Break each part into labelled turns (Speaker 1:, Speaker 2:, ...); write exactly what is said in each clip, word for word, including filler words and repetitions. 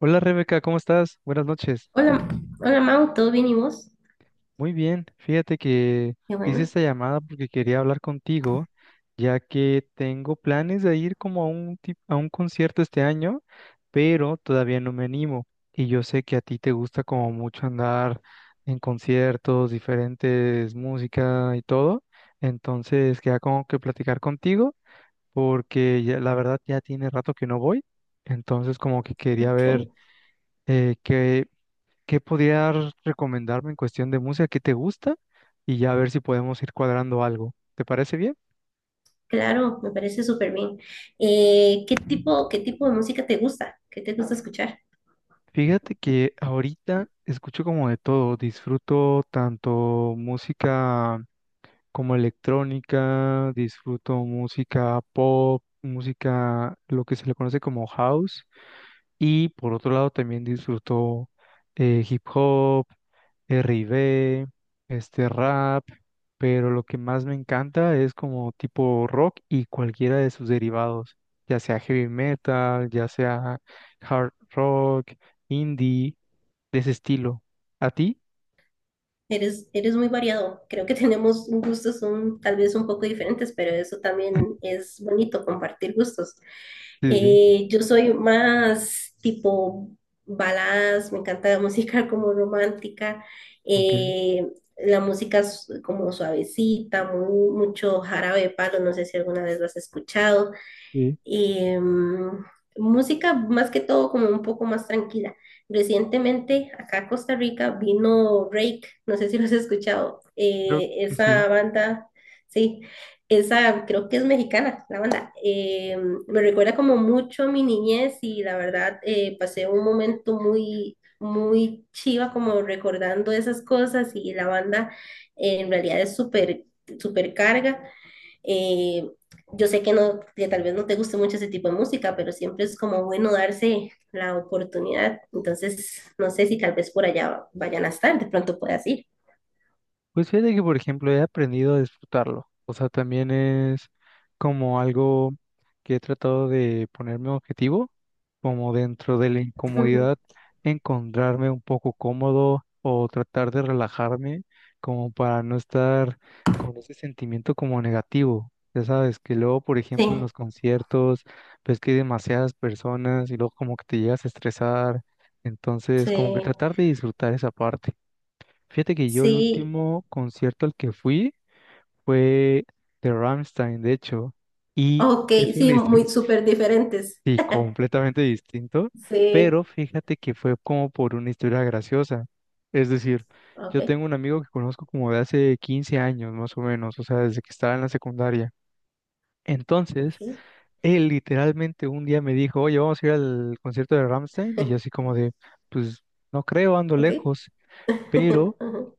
Speaker 1: Hola Rebeca, ¿cómo estás? Buenas noches.
Speaker 2: Hola, hola Mau, ¿todo bien y vos?
Speaker 1: Muy bien, fíjate que
Speaker 2: Qué
Speaker 1: te hice
Speaker 2: bueno.
Speaker 1: esta llamada porque quería hablar contigo, ya que tengo planes de ir como a un, tip- a un concierto este año, pero todavía no me animo. Y yo sé que a ti te gusta como mucho andar en conciertos, diferentes música y todo. Entonces, queda como que platicar contigo, porque ya- la verdad ya tiene rato que no voy. Entonces, como que quería
Speaker 2: Ok,
Speaker 1: ver eh, qué ¿Qué podrías recomendarme en cuestión de música? ¿Qué te gusta? Y ya a ver si podemos ir cuadrando algo. ¿Te parece bien?
Speaker 2: claro, me parece súper bien. Eh, ¿qué tipo, qué tipo de música te gusta? ¿Qué te gusta escuchar?
Speaker 1: Fíjate que ahorita escucho como de todo. Disfruto tanto música como electrónica, disfruto música pop, música, lo que se le conoce como house. Y por otro lado también disfruto eh, hip hop, R and B, este rap, pero lo que más me encanta es como tipo rock y cualquiera de sus derivados, ya sea heavy metal, ya sea hard rock, indie, de ese estilo. ¿A ti?
Speaker 2: Eres, eres muy variado, creo que tenemos gustos un- tal vez un poco diferentes, pero eso también es bonito, compartir gustos.
Speaker 1: Sí, sí.
Speaker 2: Eh, yo soy más tipo baladas, me encanta la música como romántica,
Speaker 1: Ok.
Speaker 2: eh, la música s- como suavecita, muy- mucho jarabe de palo, no sé si alguna vez lo has escuchado,
Speaker 1: Sí.
Speaker 2: eh, música más que todo como un poco más tranquila. Recientemente acá a Costa Rica vino Rake, no sé si lo has escuchado,
Speaker 1: Creo
Speaker 2: eh,
Speaker 1: que sí.
Speaker 2: esa banda. Sí, esa creo que es mexicana, la banda. Eh, me recuerda como mucho a mi niñez y la verdad, eh, pasé un momento muy, muy chiva como recordando esas cosas, y la banda, eh, en realidad es súper, súper carga. eh, yo sé que no, que tal vez no te guste mucho ese tipo de música, pero siempre es como bueno darse la oportunidad. Entonces, no sé si tal vez por allá vayan a estar, de pronto puedas ir.
Speaker 1: Pues fíjate que, por ejemplo, he aprendido a disfrutarlo. O sea, también es como algo que he tratado de ponerme objetivo, como dentro de la
Speaker 2: Ujú.
Speaker 1: incomodidad, encontrarme un poco cómodo o tratar de relajarme, como para no estar con ese sentimiento como negativo. Ya sabes, que luego, por ejemplo, en
Speaker 2: Sí,
Speaker 1: los conciertos, ves que hay demasiadas personas y luego como que te llegas a estresar. Entonces, como que
Speaker 2: sí,
Speaker 1: tratar de disfrutar esa parte. Fíjate que yo el
Speaker 2: sí.
Speaker 1: último concierto al que fui fue de Rammstein, de hecho, y
Speaker 2: Ok,
Speaker 1: es
Speaker 2: sí,
Speaker 1: una historia,
Speaker 2: muy súper diferentes.
Speaker 1: sí, completamente distinto,
Speaker 2: Sí,
Speaker 1: pero fíjate que fue como por una historia graciosa. Es decir,
Speaker 2: ok,
Speaker 1: yo tengo un amigo que conozco como de hace quince años más o menos, o sea, desde que estaba en la secundaria.
Speaker 2: ok,
Speaker 1: Entonces, él literalmente un día me dijo, oye, vamos a ir al concierto de Rammstein, y yo así como de, pues no creo, ando
Speaker 2: ok.
Speaker 1: lejos, pero
Speaker 2: Ujú.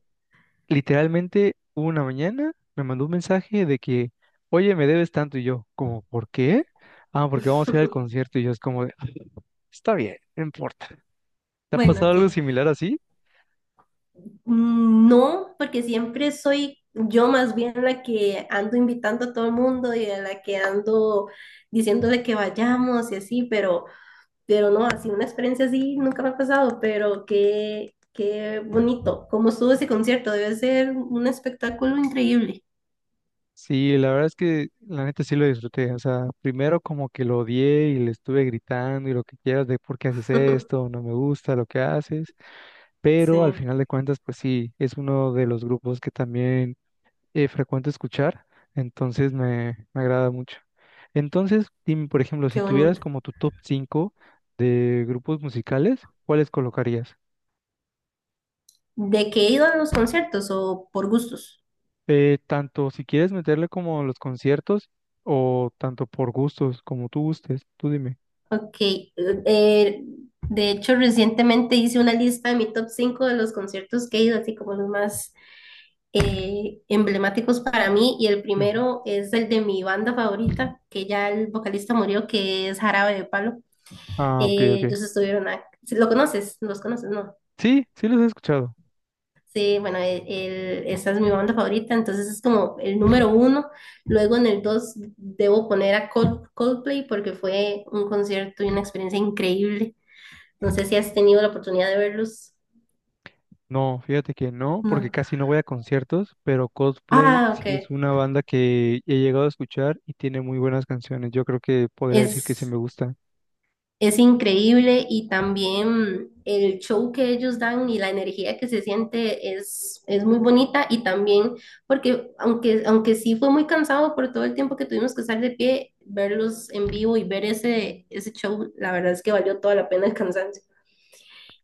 Speaker 1: literalmente una mañana me mandó un mensaje de que, oye, me debes tanto y yo, como, ¿por qué? Ah, porque vamos a ir al concierto y yo es como, de, "Ah, está bien, no importa. ¿Te ha
Speaker 2: Bueno,
Speaker 1: pasado algo
Speaker 2: ok.
Speaker 1: similar así?
Speaker 2: Mm, no, porque siempre soy yo más bien la que ando invitando a todo el mundo y a la que ando diciéndole que vayamos y así, pero, pero no, así una experiencia así nunca me ha pasado, pero qué, qué bonito, cómo estuvo ese concierto, debe ser un espectáculo increíble.
Speaker 1: Sí, la verdad es que la neta sí lo disfruté. O sea, primero como que lo odié y le estuve gritando y lo que quieras de por qué haces esto, no me gusta lo que haces, pero al
Speaker 2: Sí,
Speaker 1: final de cuentas, pues sí, es uno de los grupos que también eh, frecuente escuchar, entonces me, me agrada mucho. Entonces, dime, por ejemplo,
Speaker 2: qué
Speaker 1: si tuvieras
Speaker 2: bonito.
Speaker 1: como tu top cinco de grupos musicales, ¿cuáles colocarías?
Speaker 2: ¿De qué he ido a los conciertos o por gustos?
Speaker 1: Eh, tanto si quieres meterle como los conciertos o tanto por gustos, como tú gustes, tú dime.
Speaker 2: Ok, eh, eh, de hecho recientemente hice una lista de mi top cinco de los conciertos que he ido, así como los más eh, emblemáticos para mí, y el
Speaker 1: Ujú.
Speaker 2: primero es el de mi banda favorita, que ya el vocalista murió, que es Jarabe de Palo.
Speaker 1: Ah, ok,
Speaker 2: Eh,
Speaker 1: ok.
Speaker 2: ellos estuvieron, a- ¿lo conoces? ¿Los conoces? No.
Speaker 1: Sí, sí los he escuchado.
Speaker 2: Sí, bueno, el- el- esa es mi banda favorita, entonces es como el número uno. Luego en el dos debo poner a Col- Coldplay, porque fue un concierto y una experiencia increíble. No sé si has tenido la oportunidad de verlos.
Speaker 1: No, fíjate que no, porque
Speaker 2: No.
Speaker 1: casi no voy a conciertos, pero Coldplay
Speaker 2: Ah, ok.
Speaker 1: sí es una banda que he llegado a escuchar y tiene muy buenas canciones. Yo creo que podría decir que sí
Speaker 2: Es
Speaker 1: me gusta.
Speaker 2: Es increíble, y también el show que ellos dan y la energía que se siente es, es muy bonita, y también porque aunque, aunque sí fue muy cansado por todo el tiempo que tuvimos que estar de pie, verlos en vivo y ver ese, ese show, la verdad es que valió toda la pena el cansancio.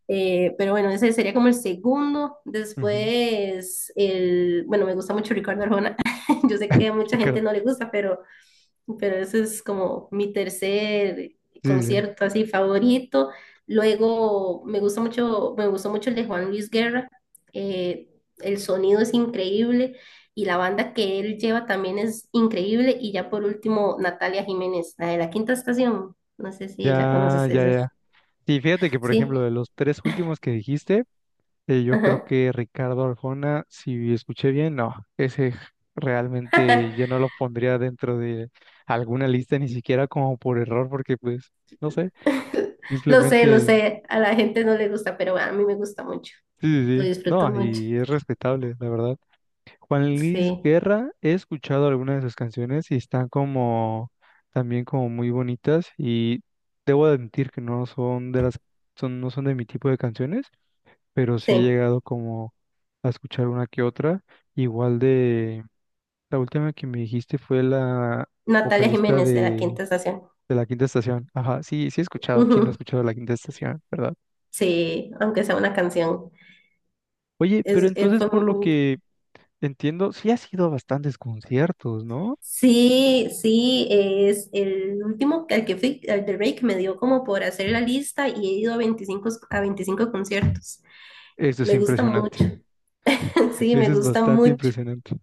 Speaker 2: Eh, pero bueno, ese sería como el segundo. Después, el, bueno, me gusta mucho Ricardo Arjona. Yo sé que a mucha
Speaker 1: Ricardo.
Speaker 2: gente no le gusta, pero pero ese es como mi tercer
Speaker 1: Sí, sí, sí.
Speaker 2: concierto así favorito. Luego me gusta mucho, me gustó mucho el de Juan Luis Guerra. eh, el sonido es increíble y la banda que él lleva también es increíble. Y ya por último, Natalia Jiménez, la de la Quinta Estación. No sé si la
Speaker 1: Ya,
Speaker 2: conoces,
Speaker 1: ya,
Speaker 2: esa
Speaker 1: ya.
Speaker 2: es.
Speaker 1: Y fíjate que, por
Speaker 2: Sí.
Speaker 1: ejemplo, de los tres últimos que dijiste, eh, yo creo
Speaker 2: Ajá.
Speaker 1: que Ricardo Arjona, si escuché bien, no, ese j- realmente yo no lo pondría dentro de alguna lista, ni siquiera como por error, porque pues, no sé,
Speaker 2: Lo sé, lo
Speaker 1: simplemente,
Speaker 2: sé. A la gente no le gusta, pero a mí me gusta mucho.
Speaker 1: sí, sí,
Speaker 2: Lo
Speaker 1: sí.
Speaker 2: disfruto
Speaker 1: No,
Speaker 2: mucho.
Speaker 1: y es respetable, la verdad. Juan Luis
Speaker 2: Sí,
Speaker 1: Guerra, he escuchado algunas de sus canciones y están como también como muy bonitas y debo admitir que no son de las son no son de mi tipo de canciones, pero sí he
Speaker 2: sí.
Speaker 1: llegado como a escuchar una que otra, igual de la última que me dijiste fue la
Speaker 2: Natalia
Speaker 1: vocalista
Speaker 2: Jiménez de la
Speaker 1: de
Speaker 2: Quinta Estación.
Speaker 1: de la Quinta Estación. Ajá, sí, sí he escuchado, ¿quién no ha
Speaker 2: Ujú.
Speaker 1: escuchado la Quinta Estación, verdad?
Speaker 2: Sí, aunque sea una canción.
Speaker 1: Oye, pero
Speaker 2: Es, es-
Speaker 1: entonces
Speaker 2: fue
Speaker 1: por lo
Speaker 2: muy-
Speaker 1: que entiendo, sí has ido a bastantes conciertos, ¿no?
Speaker 2: sí, sí, es el último que- al que fui, al de Drake, me dio como por hacer la lista y he ido a veinticinco a veinticinco conciertos.
Speaker 1: Esto es
Speaker 2: Me gusta mucho.
Speaker 1: impresionante.
Speaker 2: Sí, me
Speaker 1: Eso es
Speaker 2: gusta
Speaker 1: bastante
Speaker 2: mucho,
Speaker 1: impresionante.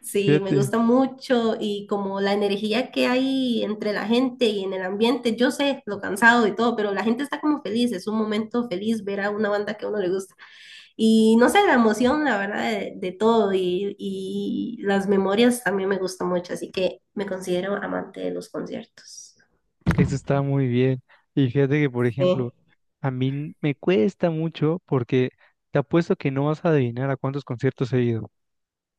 Speaker 2: sí, me
Speaker 1: Fíjate,
Speaker 2: gusta mucho. Y como la energía que hay entre la gente y en el ambiente, yo sé lo cansado y todo, pero la gente está como feliz, es un momento feliz ver a una banda que a uno le gusta. Y no sé, la emoción, la verdad, de, de todo, y, y las memorias también me gustan mucho, así que me considero amante de los conciertos.
Speaker 1: eso está muy bien. Y fíjate que, por
Speaker 2: Sí.
Speaker 1: ejemplo, a mí n- me cuesta mucho porque te apuesto que no vas a adivinar a cuántos conciertos he ido.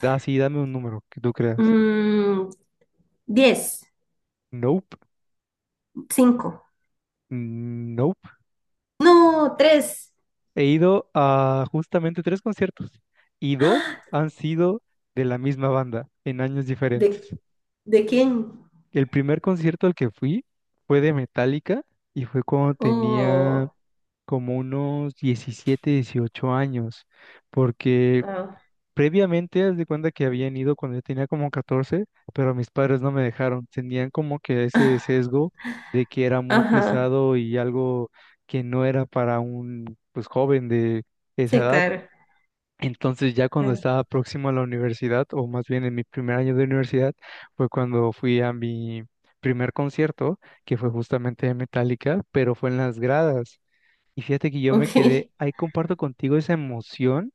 Speaker 1: Da, sí, dame un número que tú creas.
Speaker 2: Mm, diez,
Speaker 1: Nope,
Speaker 2: cinco,
Speaker 1: nope.
Speaker 2: no, tres.
Speaker 1: He ido a justamente tres conciertos y dos
Speaker 2: ¡Ah!
Speaker 1: han sido de la misma banda en años
Speaker 2: ¿De,
Speaker 1: diferentes.
Speaker 2: de quién?
Speaker 1: El primer concierto al que fui fue de Metallica y fue cuando tenía
Speaker 2: Oh,
Speaker 1: como unos diecisiete, dieciocho años, porque
Speaker 2: wow.
Speaker 1: previamente, haz de cuenta que habían ido cuando yo tenía como catorce, pero mis padres no me dejaron, tenían como que ese sesgo de que era muy
Speaker 2: Ajá,
Speaker 1: pesado y algo que no era para un pues joven de esa
Speaker 2: sí,
Speaker 1: edad.
Speaker 2: claro,
Speaker 1: Entonces ya cuando
Speaker 2: claro.
Speaker 1: estaba próximo a la universidad, o más bien en mi primer año de universidad, fue cuando fui a mi primer concierto, que fue justamente de Metallica, pero fue en las gradas. Y fíjate que yo me
Speaker 2: Ok,
Speaker 1: quedé, ahí comparto contigo esa emoción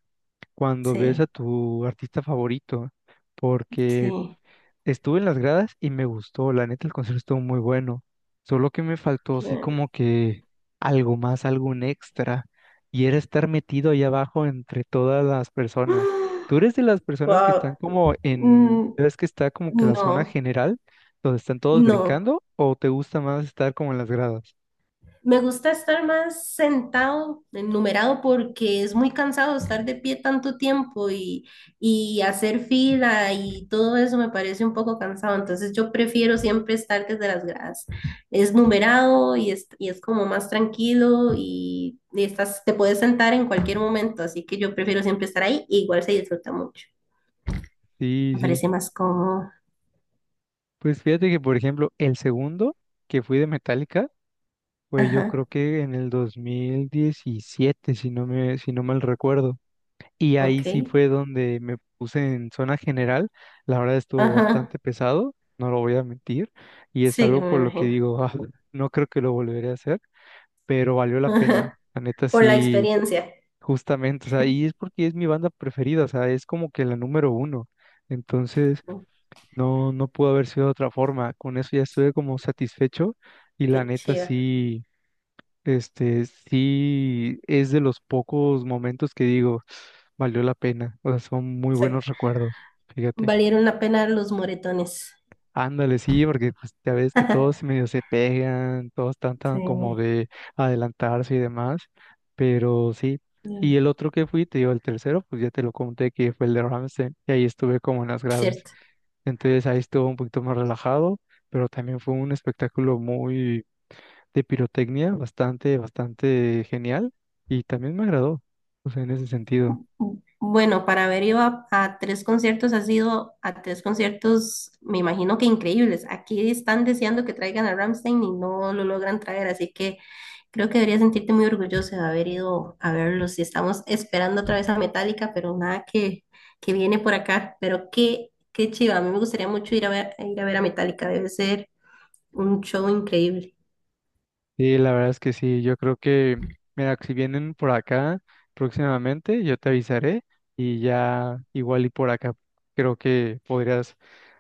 Speaker 1: cuando ves a
Speaker 2: sí,
Speaker 1: tu artista favorito, porque
Speaker 2: sí.
Speaker 1: estuve en las gradas y me gustó, la neta el concierto estuvo muy bueno, solo que me faltó
Speaker 2: Qué
Speaker 1: así
Speaker 2: bueno.
Speaker 1: como que algo más, algún extra, y era estar metido ahí abajo entre todas las personas. Tú eres de las personas que están
Speaker 2: Wow.
Speaker 1: como en,
Speaker 2: Mm,
Speaker 1: ¿ves que está como que la zona
Speaker 2: no,
Speaker 1: general, donde están todos
Speaker 2: no.
Speaker 1: brincando, o te gusta más estar como en las gradas?
Speaker 2: Me gusta estar más sentado, enumerado, porque es muy cansado estar de pie tanto tiempo, y, y hacer fila y todo eso me parece un poco cansado. Entonces yo prefiero siempre estar desde las gradas. Es numerado y es, y es como más tranquilo, y, y estás, te puedes sentar en cualquier momento. Así que yo prefiero siempre estar ahí, y igual se disfruta mucho.
Speaker 1: Sí,
Speaker 2: Me
Speaker 1: sí.
Speaker 2: parece más cómodo.
Speaker 1: Pues fíjate que, por ejemplo, el segundo que fui de Metallica fue yo
Speaker 2: Ajá,
Speaker 1: creo que en el dos mil diecisiete si no me, si no mal recuerdo. Y
Speaker 2: ok.
Speaker 1: ahí sí fue donde me puse en zona general. La verdad estuvo
Speaker 2: Ajá,
Speaker 1: bastante pesado, no lo voy a mentir. Y es
Speaker 2: sí, que
Speaker 1: algo
Speaker 2: me
Speaker 1: por lo que
Speaker 2: imagino.
Speaker 1: digo, "Ah, no creo que lo volveré a hacer, pero valió la pena.
Speaker 2: Ajá,
Speaker 1: La neta
Speaker 2: por la
Speaker 1: sí,
Speaker 2: experiencia.
Speaker 1: justamente. O sea, y es porque es mi banda preferida, o sea, es como que la número uno. Entonces. No, no pudo haber sido de otra forma. Con eso ya estuve como satisfecho y la
Speaker 2: Qué
Speaker 1: neta
Speaker 2: chido.
Speaker 1: sí, este, sí es de los pocos momentos que digo, valió la pena. O sea, son muy
Speaker 2: Sí.
Speaker 1: buenos recuerdos, fíjate.
Speaker 2: Valieron la pena los moretones.
Speaker 1: Ándale, sí, porque pues, ya ves que todos medio se pegan, todos están
Speaker 2: Sí,
Speaker 1: tan como de adelantarse y demás, pero sí. Y el otro que fui, te digo, el tercero, pues ya te lo conté que fue el de Ramstein y ahí estuve como en las gradas.
Speaker 2: cierto.
Speaker 1: Entonces ahí estuvo un poquito más relajado, pero también fue un espectáculo muy de pirotecnia, bastante, bastante genial y también me agradó, o sea, en ese sentido.
Speaker 2: Bueno, para haber ido a, a tres conciertos, ha sido a tres conciertos, me imagino que increíbles. Aquí están deseando que traigan a Ramstein y no lo logran traer, así que creo que debería sentirte muy orgulloso de haber ido a verlos. Y estamos esperando otra vez a Metallica, pero nada que, que viene por acá. Pero qué, qué chiva, a mí me gustaría mucho ir a ver, ir a ver a Metallica, debe ser un show increíble.
Speaker 1: Sí, la verdad es que sí, yo creo que, mira, si vienen por acá próximamente, yo te avisaré y ya igual y por acá creo que podrías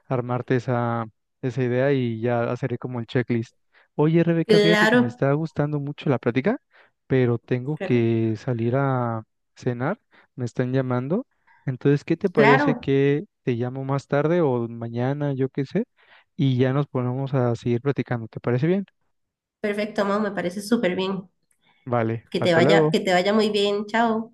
Speaker 1: armarte esa, esa idea y ya haceré como el checklist. Oye, Rebeca, fíjate que me
Speaker 2: Claro.
Speaker 1: está gustando mucho la plática, pero tengo
Speaker 2: Claro,
Speaker 1: que salir a cenar, me están llamando. Entonces, ¿qué te parece
Speaker 2: claro.
Speaker 1: que te llamo más tarde o mañana, yo qué sé, y ya nos ponemos a seguir platicando? ¿Te parece bien?
Speaker 2: Perfecto, Mau, me parece súper bien.
Speaker 1: Vale,
Speaker 2: Que te
Speaker 1: hasta
Speaker 2: vaya,
Speaker 1: luego.
Speaker 2: que te vaya muy bien. Chao.